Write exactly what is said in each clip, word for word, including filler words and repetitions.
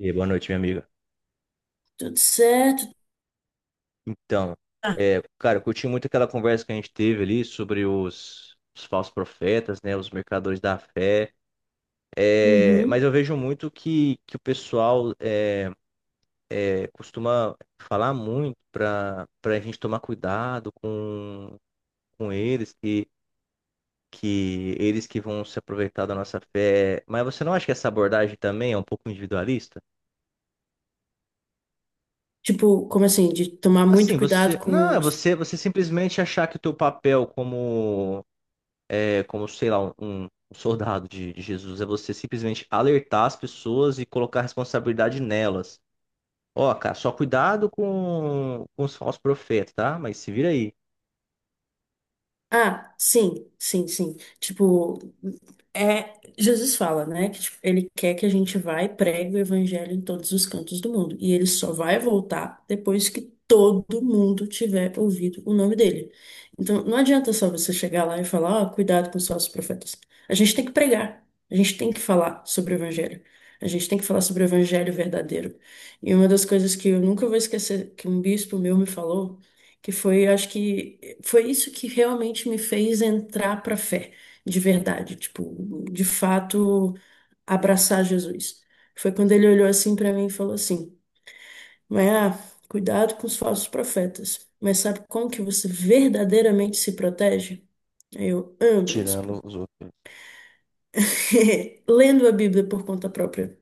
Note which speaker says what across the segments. Speaker 1: E aí, boa noite, minha amiga.
Speaker 2: Tudo certo.
Speaker 1: Então, é, cara, eu curti muito aquela conversa que a gente teve ali sobre os, os falsos profetas, né, os mercadores da fé. É, mas
Speaker 2: Uhum.
Speaker 1: eu vejo muito que, que o pessoal é, é, costuma falar muito para para a gente tomar cuidado com, com eles, que, que eles que vão se aproveitar da nossa fé. Mas você não acha que essa abordagem também é um pouco individualista?
Speaker 2: Tipo, como assim? De tomar muito
Speaker 1: Assim,
Speaker 2: cuidado
Speaker 1: você, não,
Speaker 2: com
Speaker 1: é
Speaker 2: os.
Speaker 1: você, você simplesmente achar que o teu papel como é como, sei lá, um, um soldado de, de Jesus. É você simplesmente alertar as pessoas e colocar a responsabilidade nelas. Ó, cara, só cuidado com, com os falsos profetas, tá? Mas se vira aí.
Speaker 2: Ah, sim, sim, sim. Tipo, é, Jesus fala, né, que tipo, ele quer que a gente vá e pregue o evangelho em todos os cantos do mundo. E ele só vai voltar depois que todo mundo tiver ouvido o nome dele. Então, não adianta só você chegar lá e falar, ó, cuidado com os falsos profetas. A gente tem que pregar. A gente tem que falar sobre o evangelho. A gente tem que falar sobre o evangelho verdadeiro. E uma das coisas que eu nunca vou esquecer que um bispo meu me falou que foi, acho que foi isso que realmente me fez entrar para a fé, de verdade, tipo, de fato, abraçar Jesus. Foi quando ele olhou assim para mim e falou assim: "Mas ah, cuidado com os falsos profetas. Mas sabe como que você verdadeiramente se protege?" Aí eu amo isso.
Speaker 1: Tirando os outros.
Speaker 2: Lendo a Bíblia por conta própria.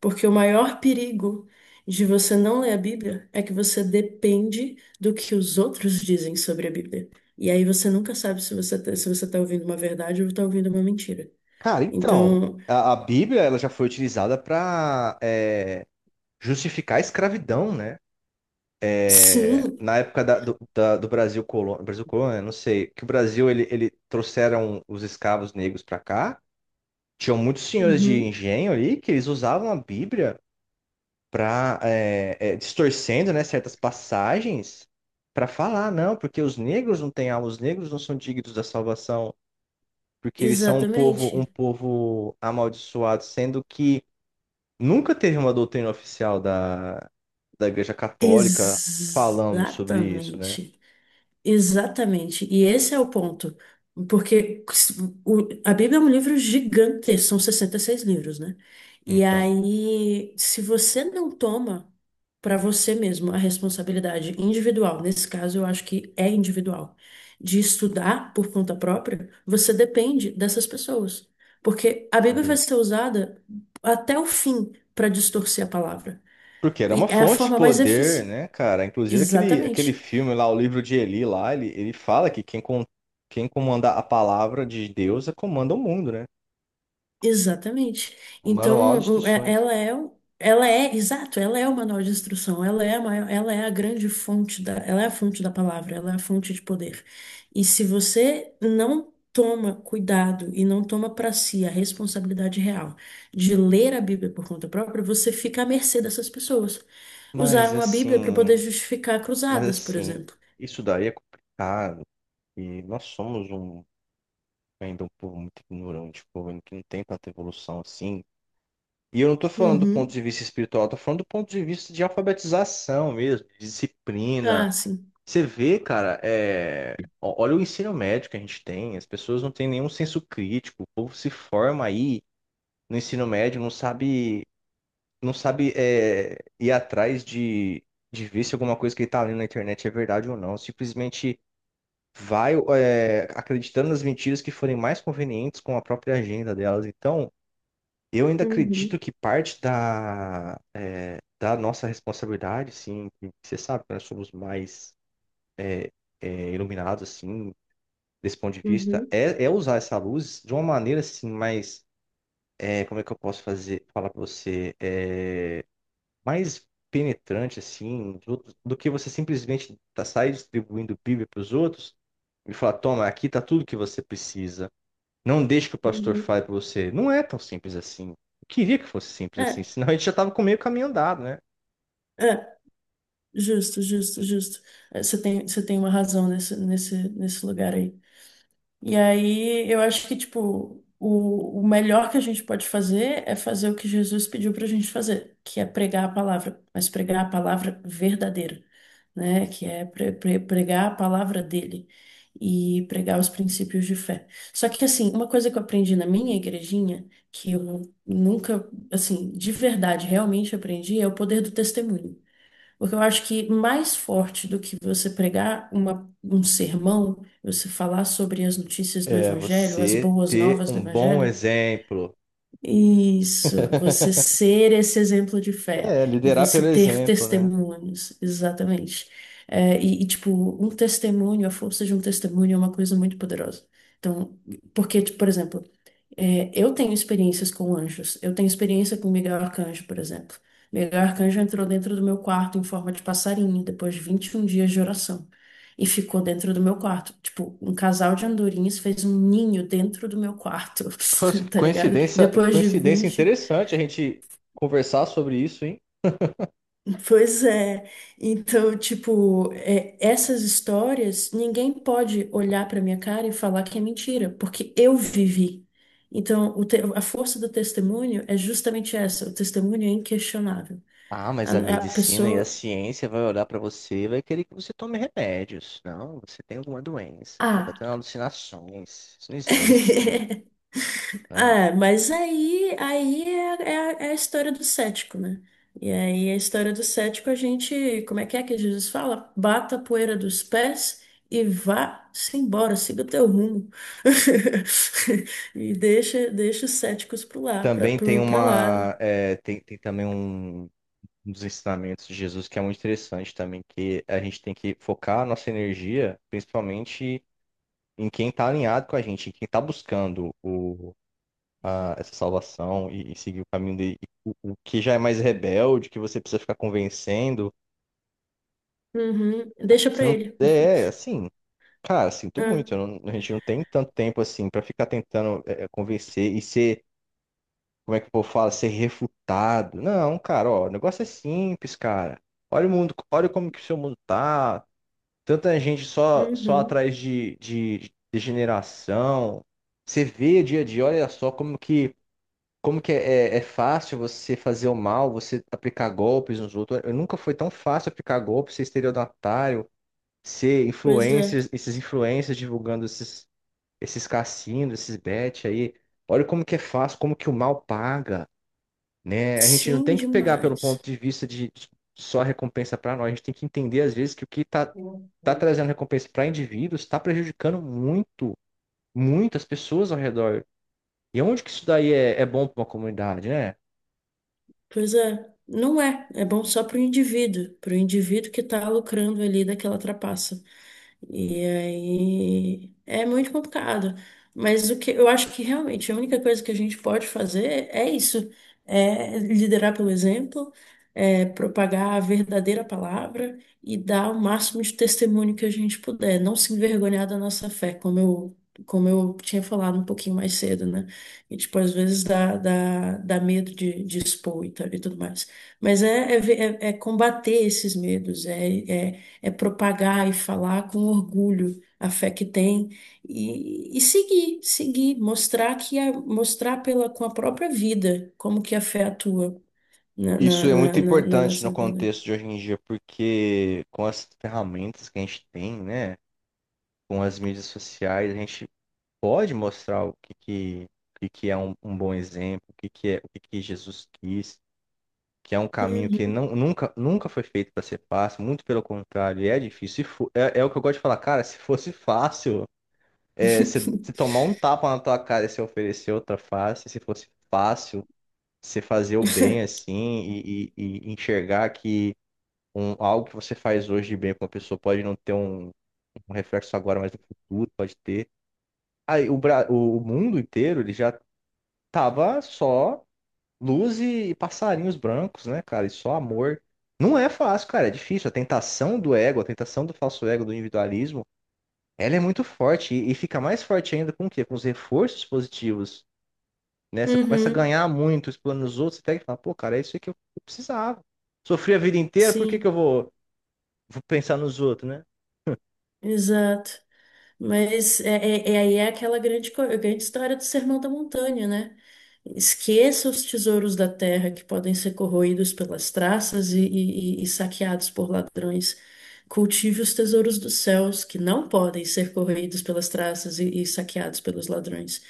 Speaker 2: Porque o maior perigo de você não ler a Bíblia é que você depende do que os outros dizem sobre a Bíblia. E aí você nunca sabe se você tá, se você está ouvindo uma verdade ou está ouvindo uma mentira.
Speaker 1: Cara, então,
Speaker 2: Então,
Speaker 1: a, a Bíblia ela já foi utilizada para justificar a escravidão, né? É,
Speaker 2: sim,
Speaker 1: Na época da- do, da- do Brasil colônia, Brasil colônia, não sei, que o Brasil ele, ele trouxeram os escravos negros para cá. Tinham muitos senhores de
Speaker 2: uhum,
Speaker 1: engenho ali que eles usavam a Bíblia pra, é, é, distorcendo, né, certas passagens para falar, não, porque os negros não têm alma, os negros não são dignos da salvação, porque eles são um povo, um
Speaker 2: exatamente.
Speaker 1: povo amaldiçoado, sendo que nunca teve uma doutrina oficial da, da Igreja Católica falando sobre isso, né?
Speaker 2: Exatamente. Exatamente, e esse é o ponto, porque o- a Bíblia é um livro gigante, são sessenta e seis livros, né? E
Speaker 1: Então,
Speaker 2: aí, se você não toma para você mesmo a responsabilidade individual, nesse caso eu acho que é individual, de estudar por conta própria, você depende dessas pessoas, porque a Bíblia
Speaker 1: olha
Speaker 2: vai
Speaker 1: aí.
Speaker 2: ser usada até o fim para distorcer a palavra,
Speaker 1: Porque era
Speaker 2: e
Speaker 1: uma
Speaker 2: é a
Speaker 1: fonte de
Speaker 2: forma mais
Speaker 1: poder,
Speaker 2: eficiente.
Speaker 1: né, cara? Inclusive aquele, aquele
Speaker 2: Exatamente.
Speaker 1: filme lá, o livro de Eli lá, ele, ele fala que quem, com quem comanda a palavra de Deus comanda o mundo, né?
Speaker 2: Exatamente.
Speaker 1: O manual
Speaker 2: Então,
Speaker 1: de
Speaker 2: o- é-
Speaker 1: instruções.
Speaker 2: ela é, o- ela é, exato, ela é o manual de instrução, ela é a maior, ela é a grande fonte da, ela é a fonte da palavra, ela é a fonte de poder. E se você não toma cuidado e não toma para si a responsabilidade real de ler a Bíblia por conta própria, você fica à mercê dessas pessoas.
Speaker 1: Mas
Speaker 2: Usaram a Bíblia para poder
Speaker 1: assim,
Speaker 2: justificar
Speaker 1: mas
Speaker 2: cruzadas, por
Speaker 1: assim,
Speaker 2: exemplo.
Speaker 1: isso daí é complicado. E nós somos um ainda um povo muito ignorante, um povo que não tem tanta evolução assim. E eu não estou falando do ponto
Speaker 2: Uhum.
Speaker 1: de vista espiritual, eu tô falando do ponto de vista de alfabetização mesmo, de
Speaker 2: Ah,
Speaker 1: disciplina.
Speaker 2: sim.
Speaker 1: Você vê, cara, é... o- olha o ensino médio que a gente tem, as pessoas não têm nenhum senso crítico, o povo se forma aí no ensino médio, não sabe. Não sabe é, ir atrás de, de ver se alguma coisa que ele tá lendo na internet é verdade ou não. Simplesmente vai é, acreditando nas mentiras que forem mais convenientes com a própria agenda delas. Então, eu ainda acredito
Speaker 2: Uhum.
Speaker 1: que parte da, é, da nossa responsabilidade, sim, que você sabe que nós somos mais é, é, iluminados, assim, desse ponto de vista,
Speaker 2: Uhum.
Speaker 1: é, é usar essa luz de uma maneira, assim, mais... é, como é que eu posso fazer, falar pra você? É, mais penetrante, assim, dos outros, do que você simplesmente tá, sair distribuindo Bíblia para os outros e falar, toma, aqui tá tudo que você precisa. Não deixe que o pastor
Speaker 2: Uhum.
Speaker 1: fale para você. Não é tão simples assim. Eu queria que fosse simples assim,
Speaker 2: É,
Speaker 1: senão a gente já tava com meio caminho andado, né?
Speaker 2: é. Justo, justo, justo. Eh, Você tem, você tem uma razão nesse, nesse, nesse lugar aí. E aí, eu acho que, tipo, o, o melhor que a gente pode fazer é fazer o que Jesus pediu pra gente fazer, que é pregar a palavra, mas pregar a palavra verdadeira, né? Que é pre- pre- pregar a palavra dele e pregar os princípios de fé. Só que, assim, uma coisa que eu aprendi na minha igrejinha, que eu nunca, assim, de verdade, realmente aprendi, é o poder do testemunho. Porque eu acho que mais forte do que você pregar uma- um sermão, você falar sobre as notícias do
Speaker 1: É
Speaker 2: Evangelho, as
Speaker 1: você
Speaker 2: boas
Speaker 1: ter
Speaker 2: novas do
Speaker 1: um bom
Speaker 2: Evangelho,
Speaker 1: exemplo.
Speaker 2: isso, você ser esse exemplo de fé
Speaker 1: É,
Speaker 2: e
Speaker 1: liderar pelo
Speaker 2: você ter
Speaker 1: exemplo, né?
Speaker 2: testemunhos, exatamente. É, e, e, tipo, um testemunho, a força de um testemunho é uma coisa muito poderosa. Então, porque, tipo, por exemplo, é, eu tenho experiências com anjos. Eu tenho experiência com Miguel Arcanjo, por exemplo. Miguel Arcanjo entrou dentro do meu quarto em forma de passarinho, depois de vinte e um dias de oração. E ficou dentro do meu quarto. Tipo, um casal de andorinhas fez um ninho dentro do meu quarto,
Speaker 1: Nossa, que
Speaker 2: tá ligado?
Speaker 1: coincidência, que
Speaker 2: Depois de
Speaker 1: coincidência
Speaker 2: vinte.
Speaker 1: interessante a gente conversar sobre isso, hein?
Speaker 2: Pois é. Então, tipo, é, essas histórias, ninguém pode olhar pra minha cara e falar que é mentira, porque eu vivi. Então, o te- a força do testemunho é justamente essa, o testemunho é inquestionável.
Speaker 1: Ah, mas a
Speaker 2: A, a
Speaker 1: medicina e a
Speaker 2: pessoa.
Speaker 1: ciência vai olhar para você e vai querer que você tome remédios. Não, você tem alguma doença, você está
Speaker 2: Ah!
Speaker 1: tendo alucinações. Isso não existe. Né?
Speaker 2: Ah, mas aí, aí é, é a é a história do cético, né? E aí a história do cético, a gente, como é que é que Jesus fala? Bata a poeira dos pés e vá-se embora, siga o teu rumo. E deixa, deixa os céticos pro lá, pra,
Speaker 1: Também tem
Speaker 2: pro, pra lá.
Speaker 1: uma, é, tem, tem também um, um dos ensinamentos de Jesus que é muito interessante também, que a gente tem que focar a nossa energia, principalmente em quem está alinhado com a gente, em quem está buscando o, a- essa salvação e, e seguir o caminho dele. O, o que já é mais rebelde, que você precisa ficar convencendo.
Speaker 2: Uhum, deixa
Speaker 1: Você
Speaker 2: pra
Speaker 1: não,
Speaker 2: ele.
Speaker 1: é, é, assim, cara, sinto
Speaker 2: É,
Speaker 1: muito. Eu não- a gente não tem tanto tempo assim pra ficar tentando é, é, convencer e ser, como é que o povo fala, ser refutado. Não, cara, ó, o negócio é simples, cara. Olha o mundo, olha como que o seu mundo tá. Tanta gente só, só
Speaker 2: uhum,
Speaker 1: atrás de, de, de degeneração. Você vê dia a dia, olha só como que, como que é, é é fácil você fazer o mal, você aplicar golpes nos outros. Nunca foi tão fácil aplicar golpes, ser estelionatário ser
Speaker 2: pois é.
Speaker 1: influencers, esses influencers divulgando esses, esses cassinos, esses bets aí. Olha como que é fácil, como que o mal paga, né? A gente não
Speaker 2: Sim,
Speaker 1: tem que pegar pelo ponto
Speaker 2: demais.
Speaker 1: de vista de de só recompensa para nós. A gente tem que entender às vezes que o que tá, tá trazendo recompensa para indivíduos está prejudicando muito, muitas pessoas ao redor. E onde que isso daí é, é bom para uma comunidade, né?
Speaker 2: Pois é, não é. É bom só para o indivíduo, para o indivíduo que está lucrando ali daquela trapaça. E aí é muito complicado. Mas o que eu acho que realmente a única coisa que a gente pode fazer é isso, é liderar pelo exemplo, é propagar a verdadeira palavra e dar o máximo de testemunho que a gente puder, não se envergonhar da nossa fé, como eu, como eu tinha falado um pouquinho mais cedo, né? E tipo, às vezes dá, dá, dá medo de, de expor e, tal, e tudo mais. Mas é, é, ver- é- é combater esses medos, é é é propagar e falar com orgulho a fé que tem e, e, seguir, seguir, mostrar que a, mostrar pela, com a própria vida como que a fé atua na,
Speaker 1: Isso
Speaker 2: na,
Speaker 1: é muito
Speaker 2: na, na- na
Speaker 1: importante no
Speaker 2: nossa vida.
Speaker 1: contexto de hoje em dia, porque com as ferramentas que a gente tem, né, com as mídias sociais, a gente pode mostrar o que, que, o que que é um, um bom exemplo, o que, que é, o que que Jesus quis, que é um caminho que
Speaker 2: Uhum.
Speaker 1: não, nunca, nunca foi feito para ser fácil, muito pelo contrário, é difícil. Se fo- é, é o que eu gosto de falar, cara, se fosse fácil, é, se, se tomar um tapa na tua cara e se oferecer outra face, se fosse fácil, você fazer o bem assim e, e- e enxergar que um, algo que você faz hoje de bem com uma pessoa pode não ter um um reflexo agora, mas no futuro pode ter. Aí, o, Bra- o o mundo inteiro ele já tava só luz e passarinhos brancos, né, cara? E só amor. Não é fácil, cara, é difícil. A tentação do ego, a tentação do falso ego, do individualismo, ela é muito forte e, e fica mais forte ainda com o quê? Com os reforços positivos, né? Você começa a
Speaker 2: Uhum.
Speaker 1: ganhar muito, explorando os outros, você pega e fala, pô, cara, é isso aí que eu eu precisava. Sofri a vida inteira, por que que eu
Speaker 2: Sim,
Speaker 1: vou, vou pensar nos outros, né?
Speaker 2: exato. Mas é, é, é- aí é aquela grande, co- grande história do Sermão da Montanha, né? Esqueça os tesouros da terra que podem ser corroídos pelas traças e, e- e- saqueados por ladrões. Cultive os tesouros dos céus que não podem ser corroídos pelas traças e, e saqueados pelos ladrões.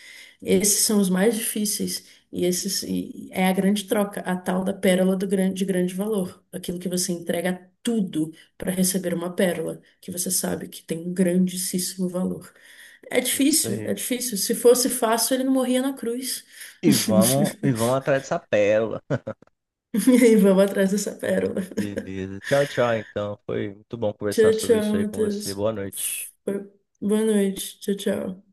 Speaker 2: Esses são os mais difíceis e esses e é a grande troca, a tal da pérola do grande, de grande valor, aquilo que você entrega tudo para receber uma pérola que você sabe que tem um grandíssimo valor. É
Speaker 1: É isso
Speaker 2: difícil,
Speaker 1: aí.
Speaker 2: é difícil. Se fosse fácil, ele não morria na cruz.
Speaker 1: E vamos, e vamos atrás dessa pérola.
Speaker 2: E aí, vamos atrás dessa pérola.
Speaker 1: Beleza. Tchau, tchau, então. Foi muito bom conversar
Speaker 2: Tchau,
Speaker 1: sobre
Speaker 2: tchau,
Speaker 1: isso aí com
Speaker 2: Matheus.
Speaker 1: você. Boa noite.
Speaker 2: Boa noite. Tchau, tchau.